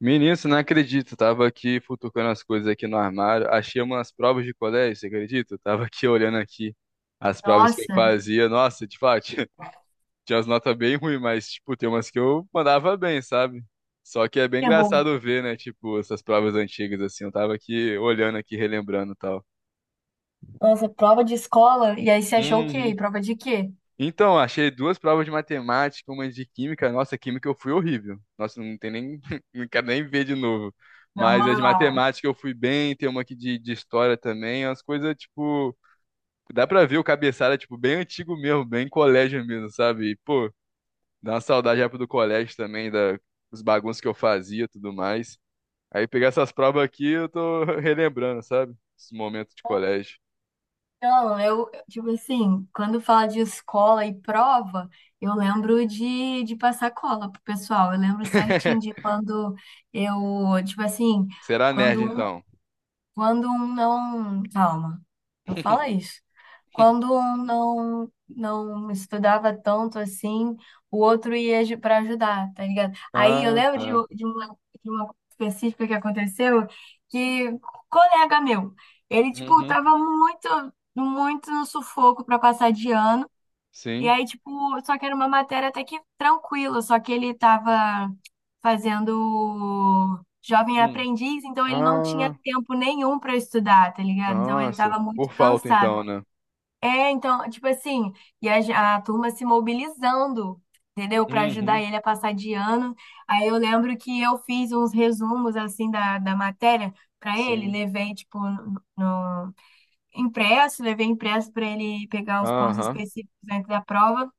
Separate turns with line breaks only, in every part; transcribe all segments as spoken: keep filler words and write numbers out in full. Menino, você não acredita, eu tava aqui futucando as coisas aqui no armário, achei umas provas de colégio, você acredita? Eu tava aqui olhando aqui as provas que eu
Nossa,
fazia, nossa, de fato, tinha tinha umas notas bem ruins, mas, tipo, tem umas que eu mandava bem, sabe? Só que é bem
errou.
engraçado ver, né, tipo, essas provas antigas, assim, eu tava aqui olhando aqui, relembrando e tal.
Nossa, prova de escola? E aí você achou o quê?
Uhum.
Prova de quê?
Então, achei duas provas de matemática, uma de química. Nossa, química eu fui horrível. Nossa, não tem nem. Não quero nem ver de novo.
Não,
Mas as de matemática eu fui bem, tem uma aqui de, de história também. Umas coisas, tipo. Dá pra ver o cabeçalho é, tipo, bem antigo mesmo, bem colégio mesmo, sabe? E, pô, dá uma saudade época do colégio também, da, dos bagunços que eu fazia e tudo mais. Aí pegar essas provas aqui, eu tô relembrando, sabe? Esse momento de colégio.
Não, eu, eu, tipo assim, quando fala de escola e prova, eu lembro de, de passar cola pro pessoal. Eu lembro certinho de quando eu, tipo assim,
Será nerd,
quando
então?
Quando um não. Calma, não fala isso. Quando um não, não estudava tanto assim, o outro ia para ajudar, tá ligado? Aí eu
Ah,
lembro de,
tá.
u- de uma, de uma coisa específica que aconteceu que um colega meu, ele, tipo,
Uhum.
tava muito, muito no sufoco para passar de ano. E
Sim.
aí, tipo, só que era uma matéria até que tranquila, só que ele tava fazendo jovem
Hum.
aprendiz, então ele não tinha
Ah,
tempo nenhum para estudar, tá ligado? Então ele
nossa,
tava muito
por falta
cansado.
então, né?
É, então, tipo assim, e a, ge- a turma se mobilizando, entendeu? Para ajudar
Uhum.
ele a passar de ano. Aí eu lembro que eu fiz uns resumos, assim, da, da matéria para ele,
Sim.
levei, tipo, no, no- impresso, levei impresso para ele pegar os pontos
Aham.
específicos dentro da prova.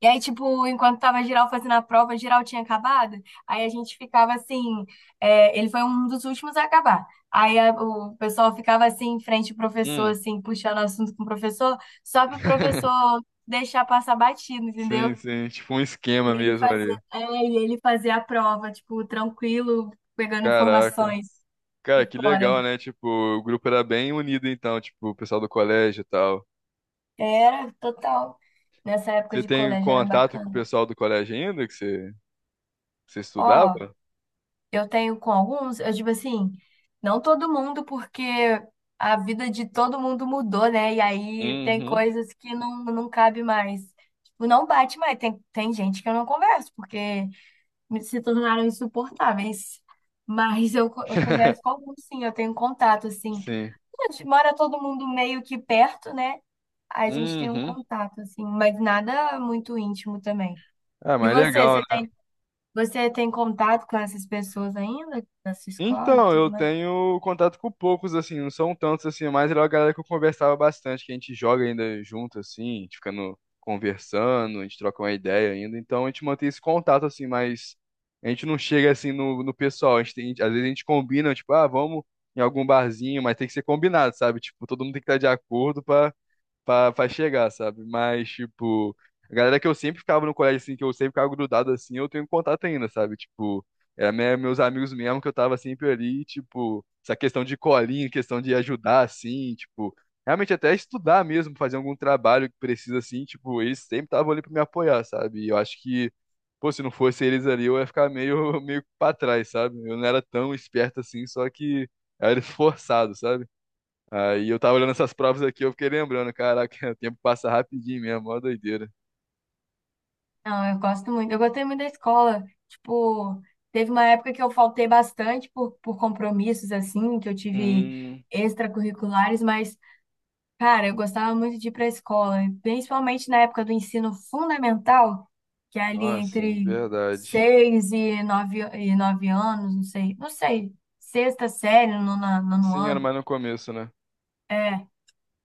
E aí, tipo, enquanto tava geral fazendo a prova, geral tinha acabado. Aí a gente ficava assim, é, ele foi um dos últimos a acabar. Aí a- o pessoal ficava assim em frente ao professor,
Hum.
assim, puxando assunto com o professor, só para o professor deixar passar batido,
Sim,
entendeu?
sim, tipo um esquema
Ele
mesmo
fazer,
ali.
é, e ele fazer a prova, tipo, tranquilo, pegando
Caraca.
informações de
Cara, que
fora.
legal, né? Tipo, o grupo era bem unido então, tipo, o pessoal do colégio e tal.
Era total. Nessa época
Você
de
tem
colégio era
contato com o
bacana.
pessoal do colégio ainda que você, que você estudava?
Ó. Eu tenho com alguns, eu digo assim, não todo mundo, porque a vida de todo mundo mudou, né? E aí tem
Uhum.
coisas que não, não cabe mais. Tipo, não bate mais. Tem, tem gente que eu não converso, porque me- se tornaram insuportáveis. Mas eu, co- eu converso com alguns, sim, eu tenho contato, assim.
Sim.
A gente mora todo mundo meio que perto, né? A gente tem um
Uhum.
contato, assim, mas nada muito íntimo também.
Ah,
E
mas
você,
legal,
você
né?
você tem contato com essas pessoas ainda na sua escola e
Então,
tudo
eu
mais?
tenho contato com poucos, assim, não são tantos, assim, mas era uma galera que eu conversava bastante, que a gente joga ainda junto, assim, a gente fica no conversando, a gente troca uma ideia ainda, então a gente mantém esse contato, assim, mas a gente não chega, assim, no, no pessoal, a gente tem- às vezes a gente combina, tipo, ah, vamos em algum barzinho, mas tem que ser combinado, sabe? Tipo, todo mundo tem que estar de acordo pra, pra chegar, sabe? Mas, tipo, a galera que eu sempre ficava no colégio, assim, que eu sempre ficava grudado, assim, eu tenho contato ainda, sabe? Tipo, era me- meus amigos mesmo que eu tava sempre ali, tipo, essa questão de colinha, questão de ajudar, assim, tipo, realmente até estudar mesmo, fazer algum trabalho que precisa, assim, tipo, eles sempre estavam ali pra me apoiar, sabe? E eu acho que, pô, se não fosse eles ali, eu ia ficar meio, meio pra trás, sabe? Eu não era tão esperto assim, só que eu era esforçado, sabe? Aí eu tava olhando essas provas aqui, eu fiquei lembrando, caraca, o tempo passa rapidinho mesmo, mó doideira.
Não, eu gosto muito. Eu gostei muito da escola. Tipo, teve uma época que eu faltei bastante por, por compromissos, assim, que eu tive
Hum,
extracurriculares, mas, cara, eu gostava muito de ir pra escola, e principalmente na época do ensino fundamental, que é ali
Nossa,
entre
verdade.
seis e nove, e nove anos, não sei, não sei, sexta série, nono, nono
Sim, era
ano.
mais no começo, né?
É,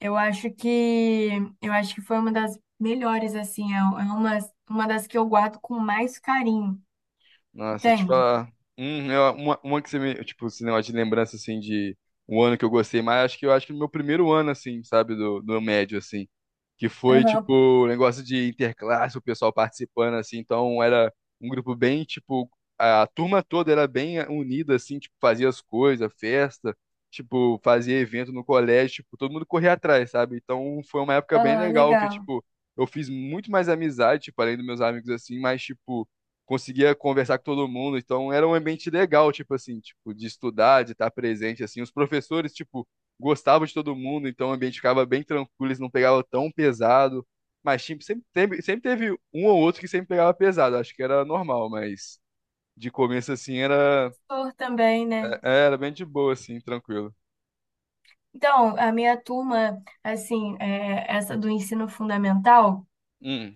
Eu acho que eu acho que foi uma das melhores, assim, é é uma, uma das que eu guardo com mais carinho,
Nossa, te
entende?
falar. Hum, eu- uma, uma que você me. Tipo, esse negócio de lembrança, assim, de um ano que eu gostei mais, acho que eu acho que no meu primeiro ano, assim, sabe, do, do médio, assim. Que foi tipo
Aham.
um negócio de interclasse, o pessoal participando assim, então era um grupo bem tipo a turma toda era bem unida assim, tipo fazia as coisas, festa, tipo fazia evento no colégio, tipo todo mundo corria atrás, sabe? Então foi uma época bem
Ah,
legal que
legal.
tipo eu fiz muito mais amizade, tipo além dos meus amigos assim, mas tipo conseguia conversar com todo mundo, então era um ambiente legal, tipo assim, tipo de estudar, de estar presente assim, os professores tipo gostava de todo mundo, então o ambiente ficava bem tranquilo, eles não pegavam tão pesado. Mas tipo, sempre teve, sempre teve um ou outro que sempre pegava pesado, acho que era normal, mas de começo assim era,
Professor também, né?
é- era bem de boa, assim, tranquilo.
Então, a minha turma, assim, é, essa do ensino fundamental.
Hum.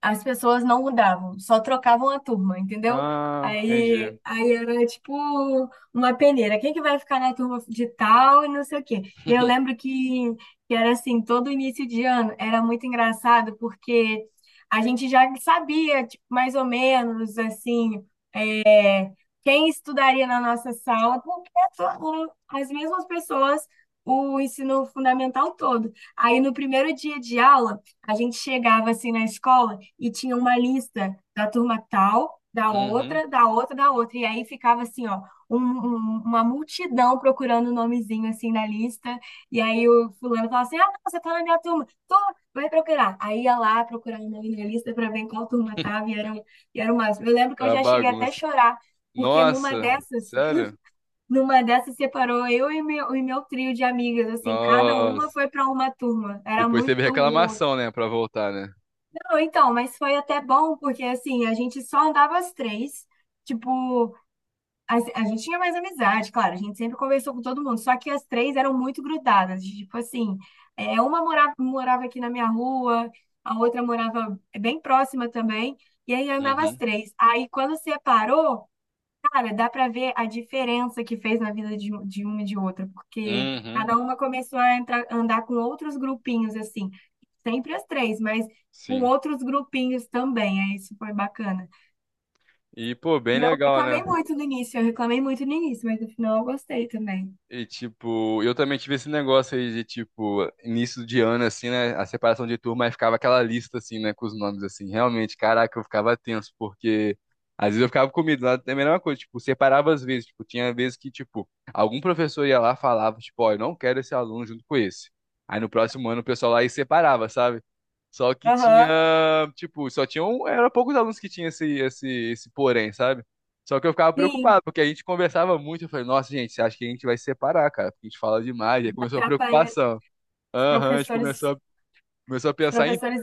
As pessoas não mudavam, só trocavam a turma, entendeu?
Ah,
Aí,
entendi.
aí era tipo uma peneira. Quem que vai ficar na turma de tal e não sei o quê. E eu lembro que, que era assim, todo início de ano era muito engraçado porque a gente já sabia, tipo, mais ou menos assim, quem estudaria na nossa sala, porque foram as mesmas pessoas o ensino fundamental todo. Aí no primeiro dia de aula, a gente chegava assim na escola e tinha uma lista da turma tal, da
Uhum.
outra, da outra, da outra. E aí ficava assim, ó, um- um- uma multidão procurando o nomezinho assim na lista. E aí o fulano falava assim: Ah, não, você tá na minha turma, tô, vai procurar. Aí ia lá procurar o nome na lista para ver em qual turma tava, e eram, e eram mais. Eu lembro que eu
A
já cheguei até a
bagunça.
chorar porque numa
Nossa,
dessas,
sério?
numa dessas separou eu e meu, e meu trio de amigas, assim, cada uma
Nossa.
foi para uma turma. Era
Depois teve
muito ruim.
reclamação, né, pra voltar, né?
Não, então, mas foi até bom, porque assim, a gente só andava as três. Tipo, a, a gente tinha mais amizade, claro, a gente sempre conversou com todo mundo, só que as três eram muito grudadas. Tipo assim, é, uma morava, morava aqui na minha rua, a outra morava bem próxima também, e aí andava as
Uhum.
três. Aí quando separou, cara, dá para ver a diferença que fez na vida de, um- de uma e de outra, porque
Uhum.
cada uma começou a entrar, andar com outros grupinhos, assim, sempre as três, mas com
Sim.
outros grupinhos também, aí isso foi bacana.
E, pô, bem
E eu
legal, né?
reclamei muito no início, eu reclamei muito no início, mas no final eu gostei também.
E, tipo, eu também tive esse negócio aí de, tipo, início de ano, assim, né? A separação de turma, aí ficava aquela lista, assim, né? Com os nomes, assim. Realmente, caraca, eu ficava tenso, porque às vezes eu ficava com medo. Lá é a mesma coisa, tipo, separava às vezes. Tipo, tinha vezes que, tipo, algum professor ia lá e falava, tipo, ó, eu não quero esse aluno junto com esse. Aí no próximo ano o pessoal lá e separava, sabe? Só que tinha,
Aham.
tipo, só tinha um, era poucos alunos que tinha esse, esse, esse porém, sabe? Só que eu ficava
Sim,
preocupado, porque a gente conversava muito. Eu falei, nossa, gente, você acha que a gente vai se separar, cara? Porque a gente fala demais. Aí começou a
atrapalha
preocupação.
os
Aham, a gente começou
professores,
a, começou a
os
pensar em.
professores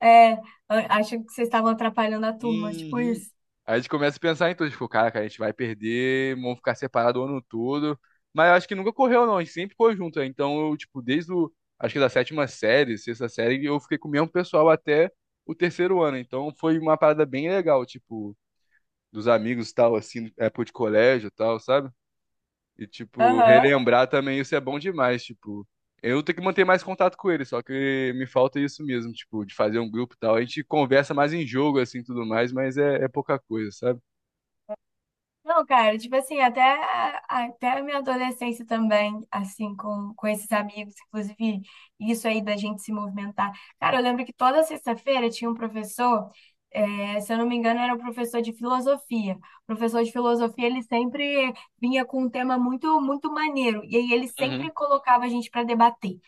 é, a- acham que vocês estavam atrapalhando a turma, tipo
Uhum.
isso.
Aí a gente começa a pensar em tudo. Tipo, cara, cara, a gente vai perder, vamos ficar separado o ano todo. Mas eu acho que nunca correu, não. A gente sempre ficou junto. Né? Então, eu, tipo, desde o. Acho que da sétima série, sexta série, eu fiquei com o mesmo pessoal até o terceiro ano. Então, foi uma parada bem legal, tipo, dos amigos e tal, assim, época de colégio e tal, sabe? E, tipo,
Aham.
relembrar também isso é bom demais, tipo. Eu tenho que manter mais contato com ele, só que me falta isso mesmo, tipo, de fazer um grupo e tal. A gente conversa mais em jogo, assim, tudo mais, mas é, é pouca coisa, sabe?
Não, cara, tipo assim, até, até a minha adolescência também, assim, com, com esses amigos, inclusive isso aí da gente se movimentar. Cara, eu lembro que toda sexta-feira tinha um professor, eh, se eu não me engano, era um professor de filosofia. O professor de filosofia, ele sempre vinha com um tema muito, muito maneiro, e aí ele
Uhum.
sempre colocava a gente para debater.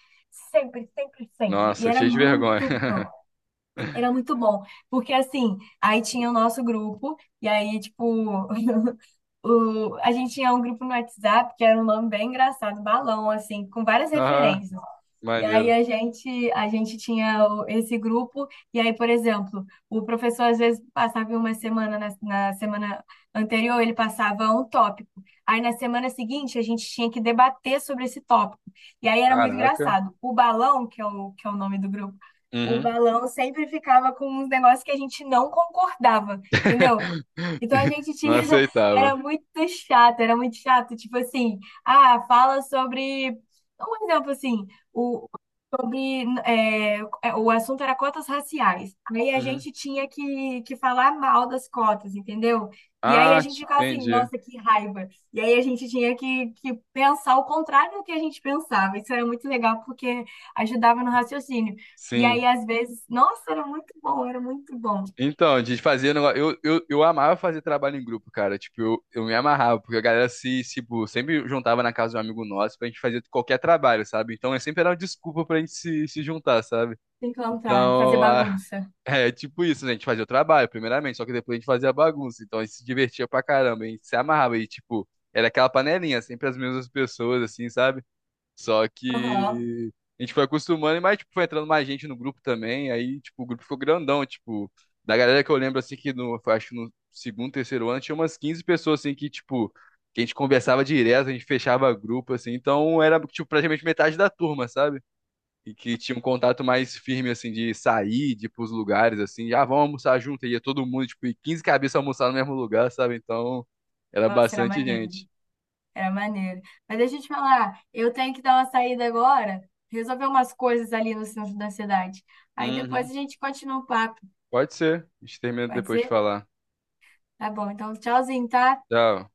Sempre, sempre, sempre. E
Nossa,
era
cheio de vergonha.
muito bom. Era muito bom, porque assim, aí tinha o nosso grupo, e aí, tipo, o, a gente tinha um grupo no WhatsApp que era um nome bem engraçado, Balão, assim, com várias
Ah,
referências. E aí
maneiro.
a gente, a gente tinha o- esse grupo, e aí, por exemplo, o professor às vezes passava em uma semana, na, na semana anterior ele passava um tópico. Aí na semana seguinte a gente tinha que debater sobre esse tópico. E aí era muito
Caraca.
engraçado. O balão, que é o, que é o nome do grupo, o
Uhum.
balão sempre ficava com uns negócios que a gente não concordava, entendeu? Então a gente
Não
tinha, era
aceitava.
muito chato, era muito chato, tipo assim, ah, fala sobre, um exemplo assim, o, sobre é, é, o assunto era cotas raciais. Aí a
Uhum.
gente tinha que, que falar mal das cotas, entendeu? E aí a
Ah,
gente
te-
ficava assim,
entendi.
nossa, que raiva. E aí a gente tinha que, que pensar o contrário do que a gente pensava. Isso era muito legal porque ajudava no raciocínio. E
Sim.
aí, às vezes, nossa, era muito bom, era muito bom se
Então, de fazer negócio. Eu, eu, eu amava fazer trabalho em grupo, cara. Tipo, eu, eu me amarrava, porque a galera se, se, tipo, sempre juntava na casa de um amigo nosso pra gente fazer qualquer trabalho, sabe? Então, é sempre era uma desculpa pra gente se, se juntar, sabe?
encontrar, fazer
Então, a-
bagunça.
é tipo isso, né? A gente fazia o trabalho, primeiramente, só que depois a gente fazia a bagunça. Então, a gente se divertia pra caramba, a gente se amarrava e, tipo, era aquela panelinha, sempre as mesmas pessoas, assim, sabe? Só
Aham.
que a gente foi acostumando, mas tipo, foi entrando mais gente no grupo também, aí tipo, o grupo ficou grandão, tipo, da galera que eu lembro assim que no, foi, acho que no segundo, terceiro ano tinha umas quinze pessoas assim que tipo, que a gente conversava direto, a gente fechava grupo assim, então era tipo praticamente metade da turma, sabe? E que tinha um contato mais firme assim de sair, de ir pros lugares assim, já ah, vamos almoçar junto, e ia todo mundo, tipo, e quinze cabeças almoçar no mesmo lugar, sabe? Então, era
Nossa, era
bastante
maneiro.
gente.
Era maneiro. Mas deixa eu te falar, eu tenho que dar uma saída agora, resolver umas coisas ali no centro da cidade. Aí depois
Uhum.
a gente continua o papo,
Pode ser. A gente termina
pode
depois de
ser?
falar.
Tá bom, então tchauzinho, tá?
Tchau.